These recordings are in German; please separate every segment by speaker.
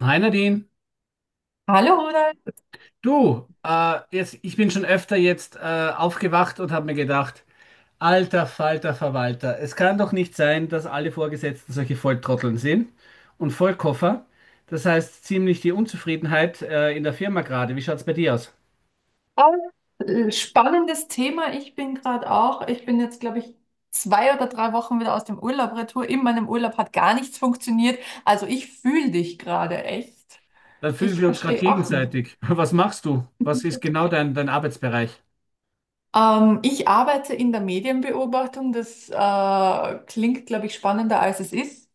Speaker 1: Hi Nadine,
Speaker 2: Hallo Ronald.
Speaker 1: du, jetzt, ich bin schon öfter jetzt aufgewacht und habe mir gedacht, alter Falter Verwalter, es kann doch nicht sein, dass alle Vorgesetzten solche Volltrotteln sind und Vollkoffer. Das heißt ziemlich die Unzufriedenheit in der Firma gerade. Wie schaut's bei dir aus?
Speaker 2: Ah, spannendes Thema. Ich bin gerade auch. Ich bin jetzt, glaube ich, 2 oder 3 Wochen wieder aus dem Urlaub retour. In meinem Urlaub hat gar nichts funktioniert. Also ich fühle dich gerade echt.
Speaker 1: Dann fühlen
Speaker 2: Ich
Speaker 1: wir uns gerade
Speaker 2: verstehe auch nicht.
Speaker 1: gegenseitig. Was machst du? Was ist genau dein Arbeitsbereich?
Speaker 2: Ich arbeite in der Medienbeobachtung. Das klingt, glaube ich, spannender, als es ist.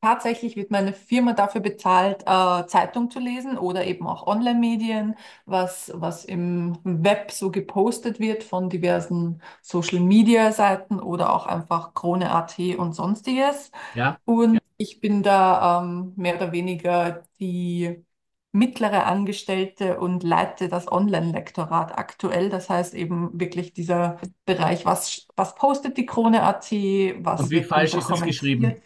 Speaker 2: Tatsächlich wird meine Firma dafür bezahlt, Zeitung zu lesen oder eben auch Online-Medien, was im Web so gepostet wird von diversen Social-Media-Seiten oder auch einfach Krone.at und sonstiges.
Speaker 1: Ja?
Speaker 2: Und ich bin da mehr oder weniger die mittlere Angestellte und leite das Online-Lektorat aktuell. Das heißt eben wirklich dieser Bereich: was postet die Krone.at,
Speaker 1: Und
Speaker 2: was
Speaker 1: wie
Speaker 2: wird
Speaker 1: falsch
Speaker 2: drunter, okay,
Speaker 1: ist das geschrieben?
Speaker 2: kommentiert?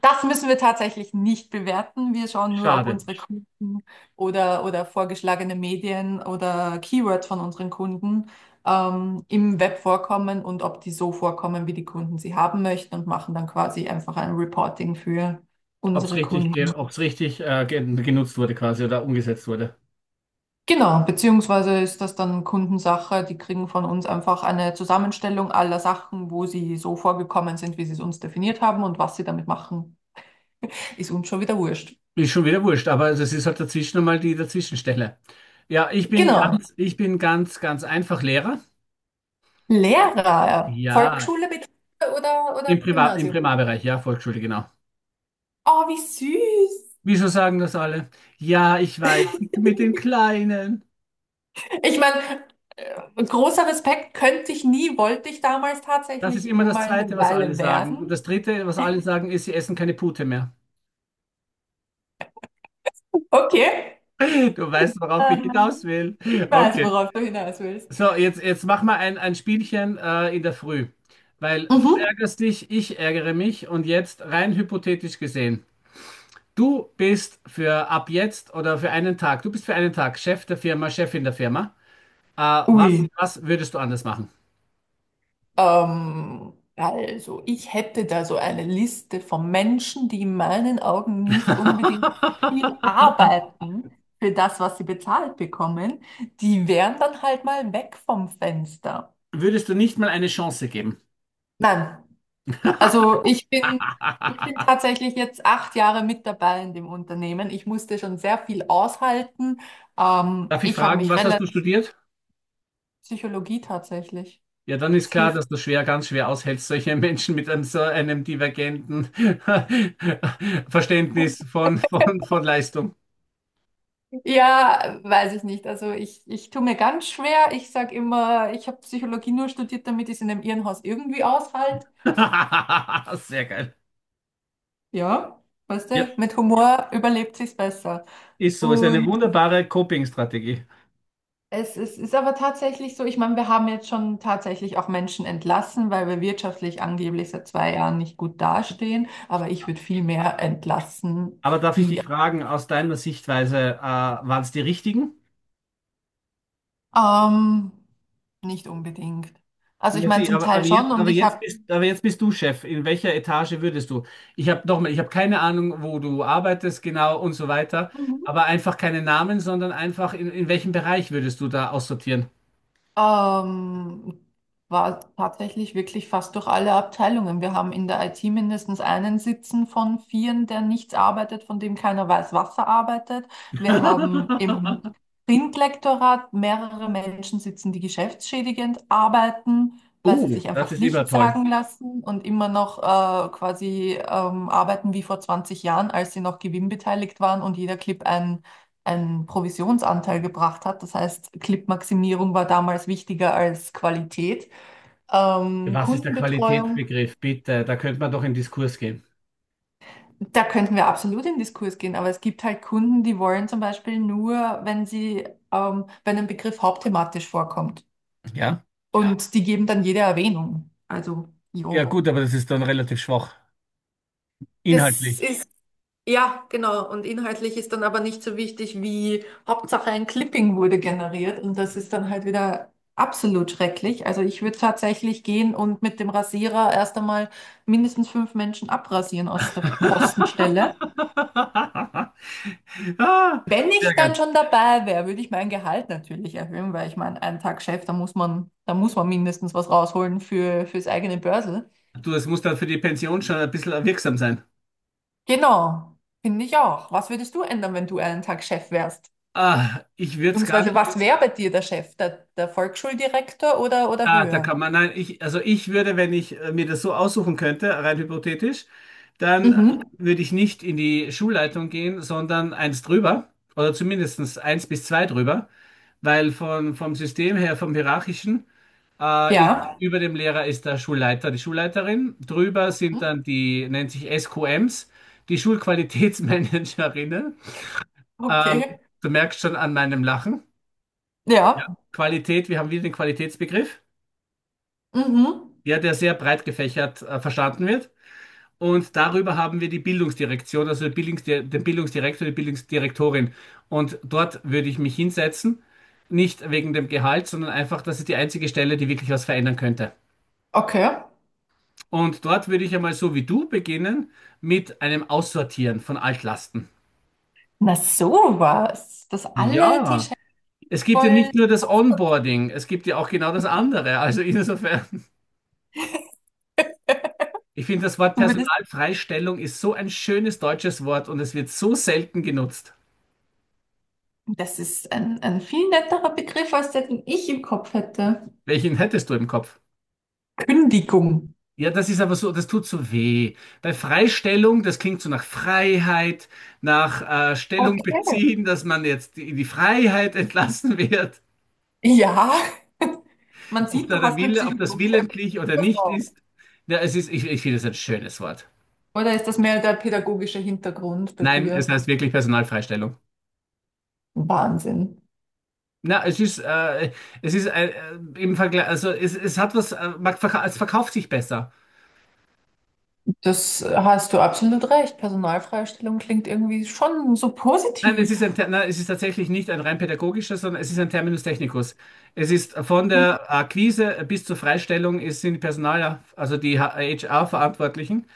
Speaker 2: Das müssen wir tatsächlich nicht bewerten. Wir schauen nur, ob
Speaker 1: Schade.
Speaker 2: unsere Kunden oder vorgeschlagene Medien oder Keywords von unseren Kunden im Web vorkommen und ob die so vorkommen, wie die Kunden sie haben möchten, und machen dann quasi einfach ein Reporting für
Speaker 1: Ob es
Speaker 2: unsere
Speaker 1: richtig,
Speaker 2: Kunden.
Speaker 1: ob's richtig genutzt wurde quasi oder umgesetzt wurde.
Speaker 2: Genau, beziehungsweise ist das dann Kundensache. Die kriegen von uns einfach eine Zusammenstellung aller Sachen, wo sie so vorgekommen sind, wie sie es uns definiert haben, und was sie damit machen, ist uns schon wieder wurscht.
Speaker 1: Ist schon wieder wurscht, aber das ist halt dazwischen nochmal die Dazwischenstelle. Ja, ich bin
Speaker 2: Genau.
Speaker 1: ganz, ich bin ganz, ganz einfach Lehrer.
Speaker 2: Lehrer,
Speaker 1: Ja,
Speaker 2: Volksschule, Mittelschule oder
Speaker 1: im
Speaker 2: Gymnasium.
Speaker 1: Primarbereich, ja, Volksschule, genau.
Speaker 2: Oh, wie süß.
Speaker 1: Wieso sagen das alle? Ja, ich weiß, mit den Kleinen.
Speaker 2: Ich meine, großer Respekt, könnte ich nie, wollte ich damals
Speaker 1: Das ist
Speaker 2: tatsächlich
Speaker 1: immer das
Speaker 2: mal eine
Speaker 1: Zweite, was alle
Speaker 2: Weile
Speaker 1: sagen. Und
Speaker 2: werden.
Speaker 1: das Dritte, was alle sagen, ist, sie essen keine Pute mehr.
Speaker 2: Okay.
Speaker 1: Du weißt, worauf
Speaker 2: Äh,
Speaker 1: ich hinaus will.
Speaker 2: Ich weiß,
Speaker 1: Okay.
Speaker 2: worauf du hinaus willst.
Speaker 1: So, jetzt mach mal ein Spielchen in der Früh. Weil du
Speaker 2: Mhm.
Speaker 1: ärgerst dich, ich ärgere mich und jetzt rein hypothetisch gesehen. Du bist für ab jetzt oder für einen Tag, du bist für einen Tag Chef der Firma, Chefin der Firma.
Speaker 2: Ui.
Speaker 1: Was würdest du anders machen?
Speaker 2: Also, ich hätte da so eine Liste von Menschen, die in meinen Augen nicht unbedingt viel arbeiten für das, was sie bezahlt bekommen. Die wären dann halt mal weg vom Fenster.
Speaker 1: Würdest du nicht mal eine Chance geben?
Speaker 2: Nein, also ich bin tatsächlich jetzt 8 Jahre mit dabei in dem Unternehmen. Ich musste schon sehr viel aushalten.
Speaker 1: Darf ich
Speaker 2: Ich habe
Speaker 1: fragen,
Speaker 2: mich
Speaker 1: was hast du
Speaker 2: relativ
Speaker 1: studiert?
Speaker 2: Psychologie tatsächlich.
Speaker 1: Ja, dann ist klar, dass du schwer, ganz schwer aushältst, solche Menschen mit einem so einem divergenten Verständnis von Leistung.
Speaker 2: Ja, weiß ich nicht. Also ich tue mir ganz schwer. Ich sage immer, ich habe Psychologie nur studiert, damit ich es in einem Irrenhaus irgendwie aushalte.
Speaker 1: Sehr geil.
Speaker 2: Ja, weißt
Speaker 1: Ja,
Speaker 2: du, mit Humor überlebt sich's besser.
Speaker 1: ist so, ist eine
Speaker 2: Und
Speaker 1: wunderbare Coping-Strategie.
Speaker 2: es ist aber tatsächlich so, ich meine, wir haben jetzt schon tatsächlich auch Menschen entlassen, weil wir wirtschaftlich angeblich seit 2 Jahren nicht gut dastehen. Aber ich würde viel mehr entlassen,
Speaker 1: Aber darf ich dich
Speaker 2: die
Speaker 1: fragen, aus deiner Sichtweise, waren es die richtigen?
Speaker 2: ähm, nicht unbedingt. Also ich
Speaker 1: Ja,
Speaker 2: meine
Speaker 1: sie,
Speaker 2: zum Teil schon, und ich habe.
Speaker 1: aber jetzt bist du Chef. In welcher Etage würdest du? Ich habe nochmal, ich habe keine Ahnung, wo du arbeitest genau und so weiter. Aber einfach keine Namen, sondern einfach in welchem Bereich würdest du da aussortieren?
Speaker 2: Ähm, war tatsächlich wirklich fast durch alle Abteilungen. Wir haben in der IT mindestens einen sitzen von vieren, der nichts arbeitet, von dem keiner weiß, was er arbeitet. Wir haben im Printlektorat mehrere Menschen sitzen, die geschäftsschädigend arbeiten, weil
Speaker 1: Oh,
Speaker 2: sie sich
Speaker 1: das
Speaker 2: einfach
Speaker 1: ist immer
Speaker 2: nichts
Speaker 1: toll.
Speaker 2: sagen lassen und immer noch quasi arbeiten wie vor 20 Jahren, als sie noch gewinnbeteiligt waren und jeder Clip einen Provisionsanteil gebracht hat. Das heißt, Clip-Maximierung war damals wichtiger als Qualität.
Speaker 1: Was ist der
Speaker 2: Kundenbetreuung,
Speaker 1: Qualitätsbegriff? Bitte, da könnte man doch in Diskurs gehen.
Speaker 2: da könnten wir absolut in Diskurs gehen, aber es gibt halt Kunden, die wollen zum Beispiel nur, wenn ein Begriff hauptthematisch vorkommt.
Speaker 1: Ja?
Speaker 2: Ja. Und die geben dann jede Erwähnung. Also,
Speaker 1: Ja,
Speaker 2: jo.
Speaker 1: gut, aber das ist dann relativ schwach.
Speaker 2: Das
Speaker 1: Inhaltlich.
Speaker 2: ist Ja, genau. Und inhaltlich ist dann aber nicht so wichtig, wie Hauptsache ein Clipping wurde generiert. Und das ist dann halt wieder absolut schrecklich. Also ich würde tatsächlich gehen und mit dem Rasierer erst einmal mindestens fünf Menschen abrasieren aus der Kostenstelle.
Speaker 1: Ah,
Speaker 2: Wenn
Speaker 1: sehr
Speaker 2: ich dann
Speaker 1: geil.
Speaker 2: schon dabei wäre, würde ich mein Gehalt natürlich erhöhen, weil ich meine, einen Tag Chef, da muss man mindestens was rausholen für, fürs eigene Börsel.
Speaker 1: Du, es muss dann für die Pension schon ein bisschen wirksam sein.
Speaker 2: Genau, finde ich auch. Was würdest du ändern, wenn du einen Tag Chef wärst?
Speaker 1: Ah, ich würde es gar
Speaker 2: Beziehungsweise, was wäre bei dir der Chef? Der Volksschuldirektor oder
Speaker 1: ah, da kann
Speaker 2: höher?
Speaker 1: man, nein, ich, also ich würde, wenn ich mir das so aussuchen könnte, rein hypothetisch, dann
Speaker 2: Mhm.
Speaker 1: würde ich nicht in die Schulleitung gehen, sondern eins drüber oder zumindestens eins bis zwei drüber, weil vom System her, vom Hierarchischen, ist,
Speaker 2: Ja.
Speaker 1: über dem Lehrer ist der Schulleiter, die Schulleiterin, drüber
Speaker 2: Hm?
Speaker 1: sind dann die, nennt sich SQMs, die Schulqualitätsmanagerinnen. Ähm,
Speaker 2: Okay.
Speaker 1: du merkst schon an meinem Lachen.
Speaker 2: Ja.
Speaker 1: Qualität, wir haben wieder den Qualitätsbegriff,
Speaker 2: Mhm.
Speaker 1: ja, der sehr breit gefächert verstanden wird. Und darüber haben wir die Bildungsdirektion, also die Bildungsdi den Bildungsdirektor, die Bildungsdirektorin. Und dort würde ich mich hinsetzen, nicht wegen dem Gehalt, sondern einfach, das ist die einzige Stelle, die wirklich was verändern könnte.
Speaker 2: Okay.
Speaker 1: Und dort würde ich einmal so wie du beginnen mit einem Aussortieren von Altlasten.
Speaker 2: Na sowas, dass alle die
Speaker 1: Ja,
Speaker 2: Chefs
Speaker 1: es gibt ja
Speaker 2: wollen.
Speaker 1: nicht nur das Onboarding, es gibt ja auch genau das andere. Also insofern, ich finde, das Wort
Speaker 2: Zumindest,
Speaker 1: Personalfreistellung ist so ein schönes deutsches Wort und es wird so selten genutzt.
Speaker 2: das ist ein viel netterer Begriff als der, den ich im Kopf hätte.
Speaker 1: Welchen hättest du im Kopf?
Speaker 2: Kündigung.
Speaker 1: Ja, das ist aber so, das tut so weh. Bei Freistellung, das klingt so nach Freiheit, nach Stellung
Speaker 2: Okay.
Speaker 1: beziehen, dass man jetzt in die Freiheit entlassen wird.
Speaker 2: Ja, man
Speaker 1: Ob
Speaker 2: sieht,
Speaker 1: da
Speaker 2: du
Speaker 1: der
Speaker 2: hast mit
Speaker 1: Wille, ob das
Speaker 2: psychologischer Erfahrung
Speaker 1: willentlich oder
Speaker 2: was
Speaker 1: nicht
Speaker 2: raus.
Speaker 1: ist. Ja, es ist, ich finde es ein schönes Wort.
Speaker 2: Oder ist das mehr der pädagogische Hintergrund bei
Speaker 1: Nein, es
Speaker 2: dir?
Speaker 1: heißt wirklich Personalfreistellung.
Speaker 2: Wahnsinn.
Speaker 1: Na, es ist im Vergleich, also es hat was, es verkauft sich besser.
Speaker 2: Das hast du absolut recht. Personalfreistellung klingt irgendwie schon so
Speaker 1: Nein, es ist
Speaker 2: positiv.
Speaker 1: Nein, es ist tatsächlich nicht ein rein pädagogischer, sondern es ist ein Terminus technicus. Es ist von der Akquise bis zur Freistellung, es sind die Personal, also die HR-Verantwortlichen,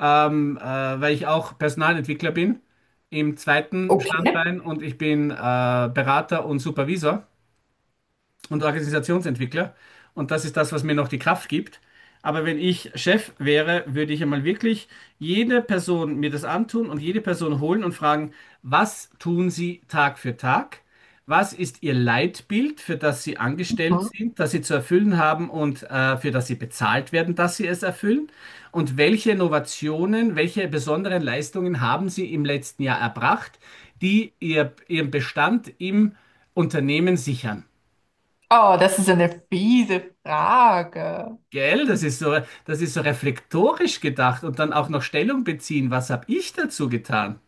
Speaker 1: ähm, äh, weil ich auch Personalentwickler bin im zweiten
Speaker 2: Okay.
Speaker 1: Standbein und ich bin Berater und Supervisor und Organisationsentwickler. Und das ist das, was mir noch die Kraft gibt. Aber wenn ich Chef wäre, würde ich einmal wirklich jede Person mir das antun und jede Person holen und fragen, was tun Sie Tag für Tag? Was ist Ihr Leitbild, für das Sie angestellt
Speaker 2: Mhm.
Speaker 1: sind, das Sie zu erfüllen haben und für das Sie bezahlt werden, dass Sie es erfüllen? Und welche Innovationen, welche besonderen Leistungen haben Sie im letzten Jahr erbracht, die Ihren Bestand im Unternehmen sichern?
Speaker 2: Oh, das ist eine fiese Frage.
Speaker 1: Gell, das ist so reflektorisch gedacht und dann auch noch Stellung beziehen. Was habe ich dazu getan?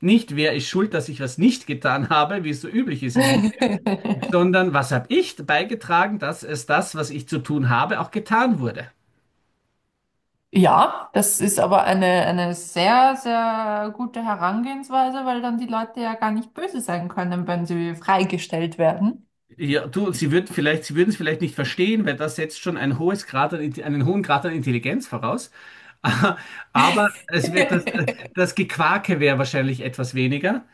Speaker 1: Nicht, wer ist schuld, dass ich was nicht getan habe, wie es so üblich ist im System, sondern was habe ich beigetragen, dass es das, was ich zu tun habe, auch getan wurde?
Speaker 2: Ja, das ist aber eine sehr, sehr gute Herangehensweise, weil dann die Leute ja gar nicht böse sein können, wenn sie freigestellt werden.
Speaker 1: Ja, du, sie würden es vielleicht nicht verstehen, weil das setzt schon einen hohen Grad an Intelligenz voraus. Aber es wird das, das Gequake wäre wahrscheinlich etwas weniger.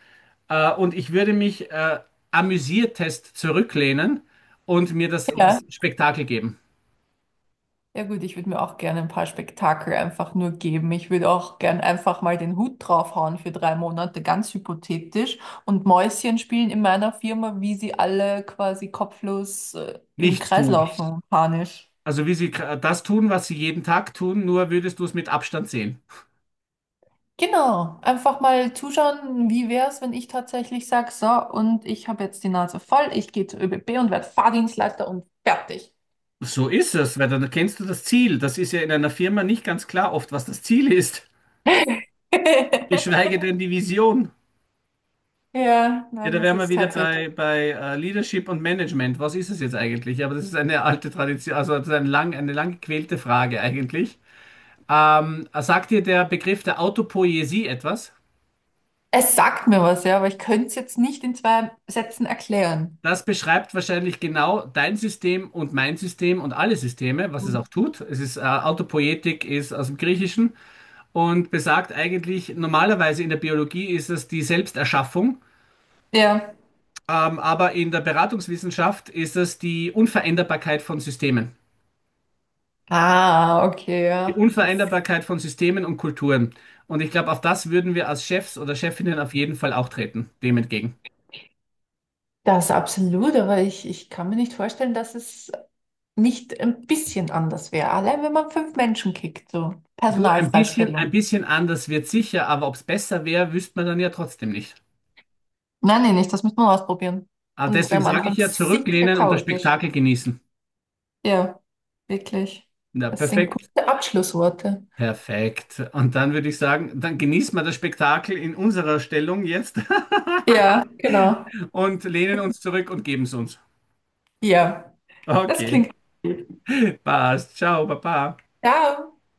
Speaker 1: Und ich würde mich amüsiertest zurücklehnen und mir
Speaker 2: Ja.
Speaker 1: das Spektakel geben.
Speaker 2: Ja gut, ich würde mir auch gerne ein paar Spektakel einfach nur geben. Ich würde auch gern einfach mal den Hut draufhauen für 3 Monate, ganz hypothetisch, und Mäuschen spielen in meiner Firma, wie sie alle quasi kopflos im
Speaker 1: Nichts
Speaker 2: Kreis
Speaker 1: tun.
Speaker 2: laufen, panisch.
Speaker 1: Also wie sie das tun, was sie jeden Tag tun, nur würdest du es mit Abstand sehen.
Speaker 2: Genau, einfach mal zuschauen, wie wäre es, wenn ich tatsächlich sage, so, und ich habe jetzt die Nase voll, ich gehe zur ÖBB und werde Fahrdienstleiter und fertig.
Speaker 1: So ist es, weil dann kennst du das Ziel. Das ist ja in einer Firma nicht ganz klar oft, was das Ziel ist. Geschweige denn die Vision.
Speaker 2: Ja,
Speaker 1: Ja,
Speaker 2: nein,
Speaker 1: da
Speaker 2: das
Speaker 1: wären wir
Speaker 2: ist
Speaker 1: wieder
Speaker 2: tatsächlich.
Speaker 1: bei Leadership und Management. Was ist es jetzt eigentlich? Ja, aber das ist eine alte Tradition, also das ist eine lang gequälte Frage eigentlich. Sagt dir der Begriff der Autopoiesie etwas?
Speaker 2: Es sagt mir was, ja, aber ich könnte es jetzt nicht in zwei Sätzen erklären.
Speaker 1: Das beschreibt wahrscheinlich genau dein System und mein System und alle Systeme, was es
Speaker 2: Hm.
Speaker 1: auch tut. Autopoietik ist aus dem Griechischen und besagt eigentlich, normalerweise in der Biologie ist es die Selbsterschaffung,
Speaker 2: Ja.
Speaker 1: aber in der Beratungswissenschaft ist es die Unveränderbarkeit von Systemen.
Speaker 2: Ah, okay,
Speaker 1: Die
Speaker 2: ja. Das,
Speaker 1: Unvereinbarkeit von Systemen und Kulturen. Und ich glaube, auf das würden wir als Chefs oder Chefinnen auf jeden Fall auch treten, dem entgegen.
Speaker 2: das absolut, aber ich kann mir nicht vorstellen, dass es nicht ein bisschen anders wäre. Allein wenn man fünf Menschen kickt, so
Speaker 1: Du, ein
Speaker 2: Personalfreistellung.
Speaker 1: bisschen anders wird sicher, aber ob es besser wäre, wüsste man dann ja trotzdem nicht.
Speaker 2: Nein, nein, nicht, das müssen wir ausprobieren.
Speaker 1: Aber
Speaker 2: Und es
Speaker 1: deswegen
Speaker 2: wäre am
Speaker 1: sage
Speaker 2: Anfang
Speaker 1: ich ja,
Speaker 2: sicher
Speaker 1: zurücklehnen und das
Speaker 2: chaotisch.
Speaker 1: Spektakel genießen.
Speaker 2: Ja, wirklich.
Speaker 1: Na,
Speaker 2: Das sind
Speaker 1: perfekt.
Speaker 2: gute Abschlussworte.
Speaker 1: Perfekt. Und dann würde ich sagen, dann genießen wir das Spektakel in unserer Stellung jetzt
Speaker 2: Ja, genau.
Speaker 1: und lehnen uns zurück und geben es uns.
Speaker 2: Ja, das
Speaker 1: Okay.
Speaker 2: klingt gut.
Speaker 1: Passt. Ciao, Baba.
Speaker 2: Ciao.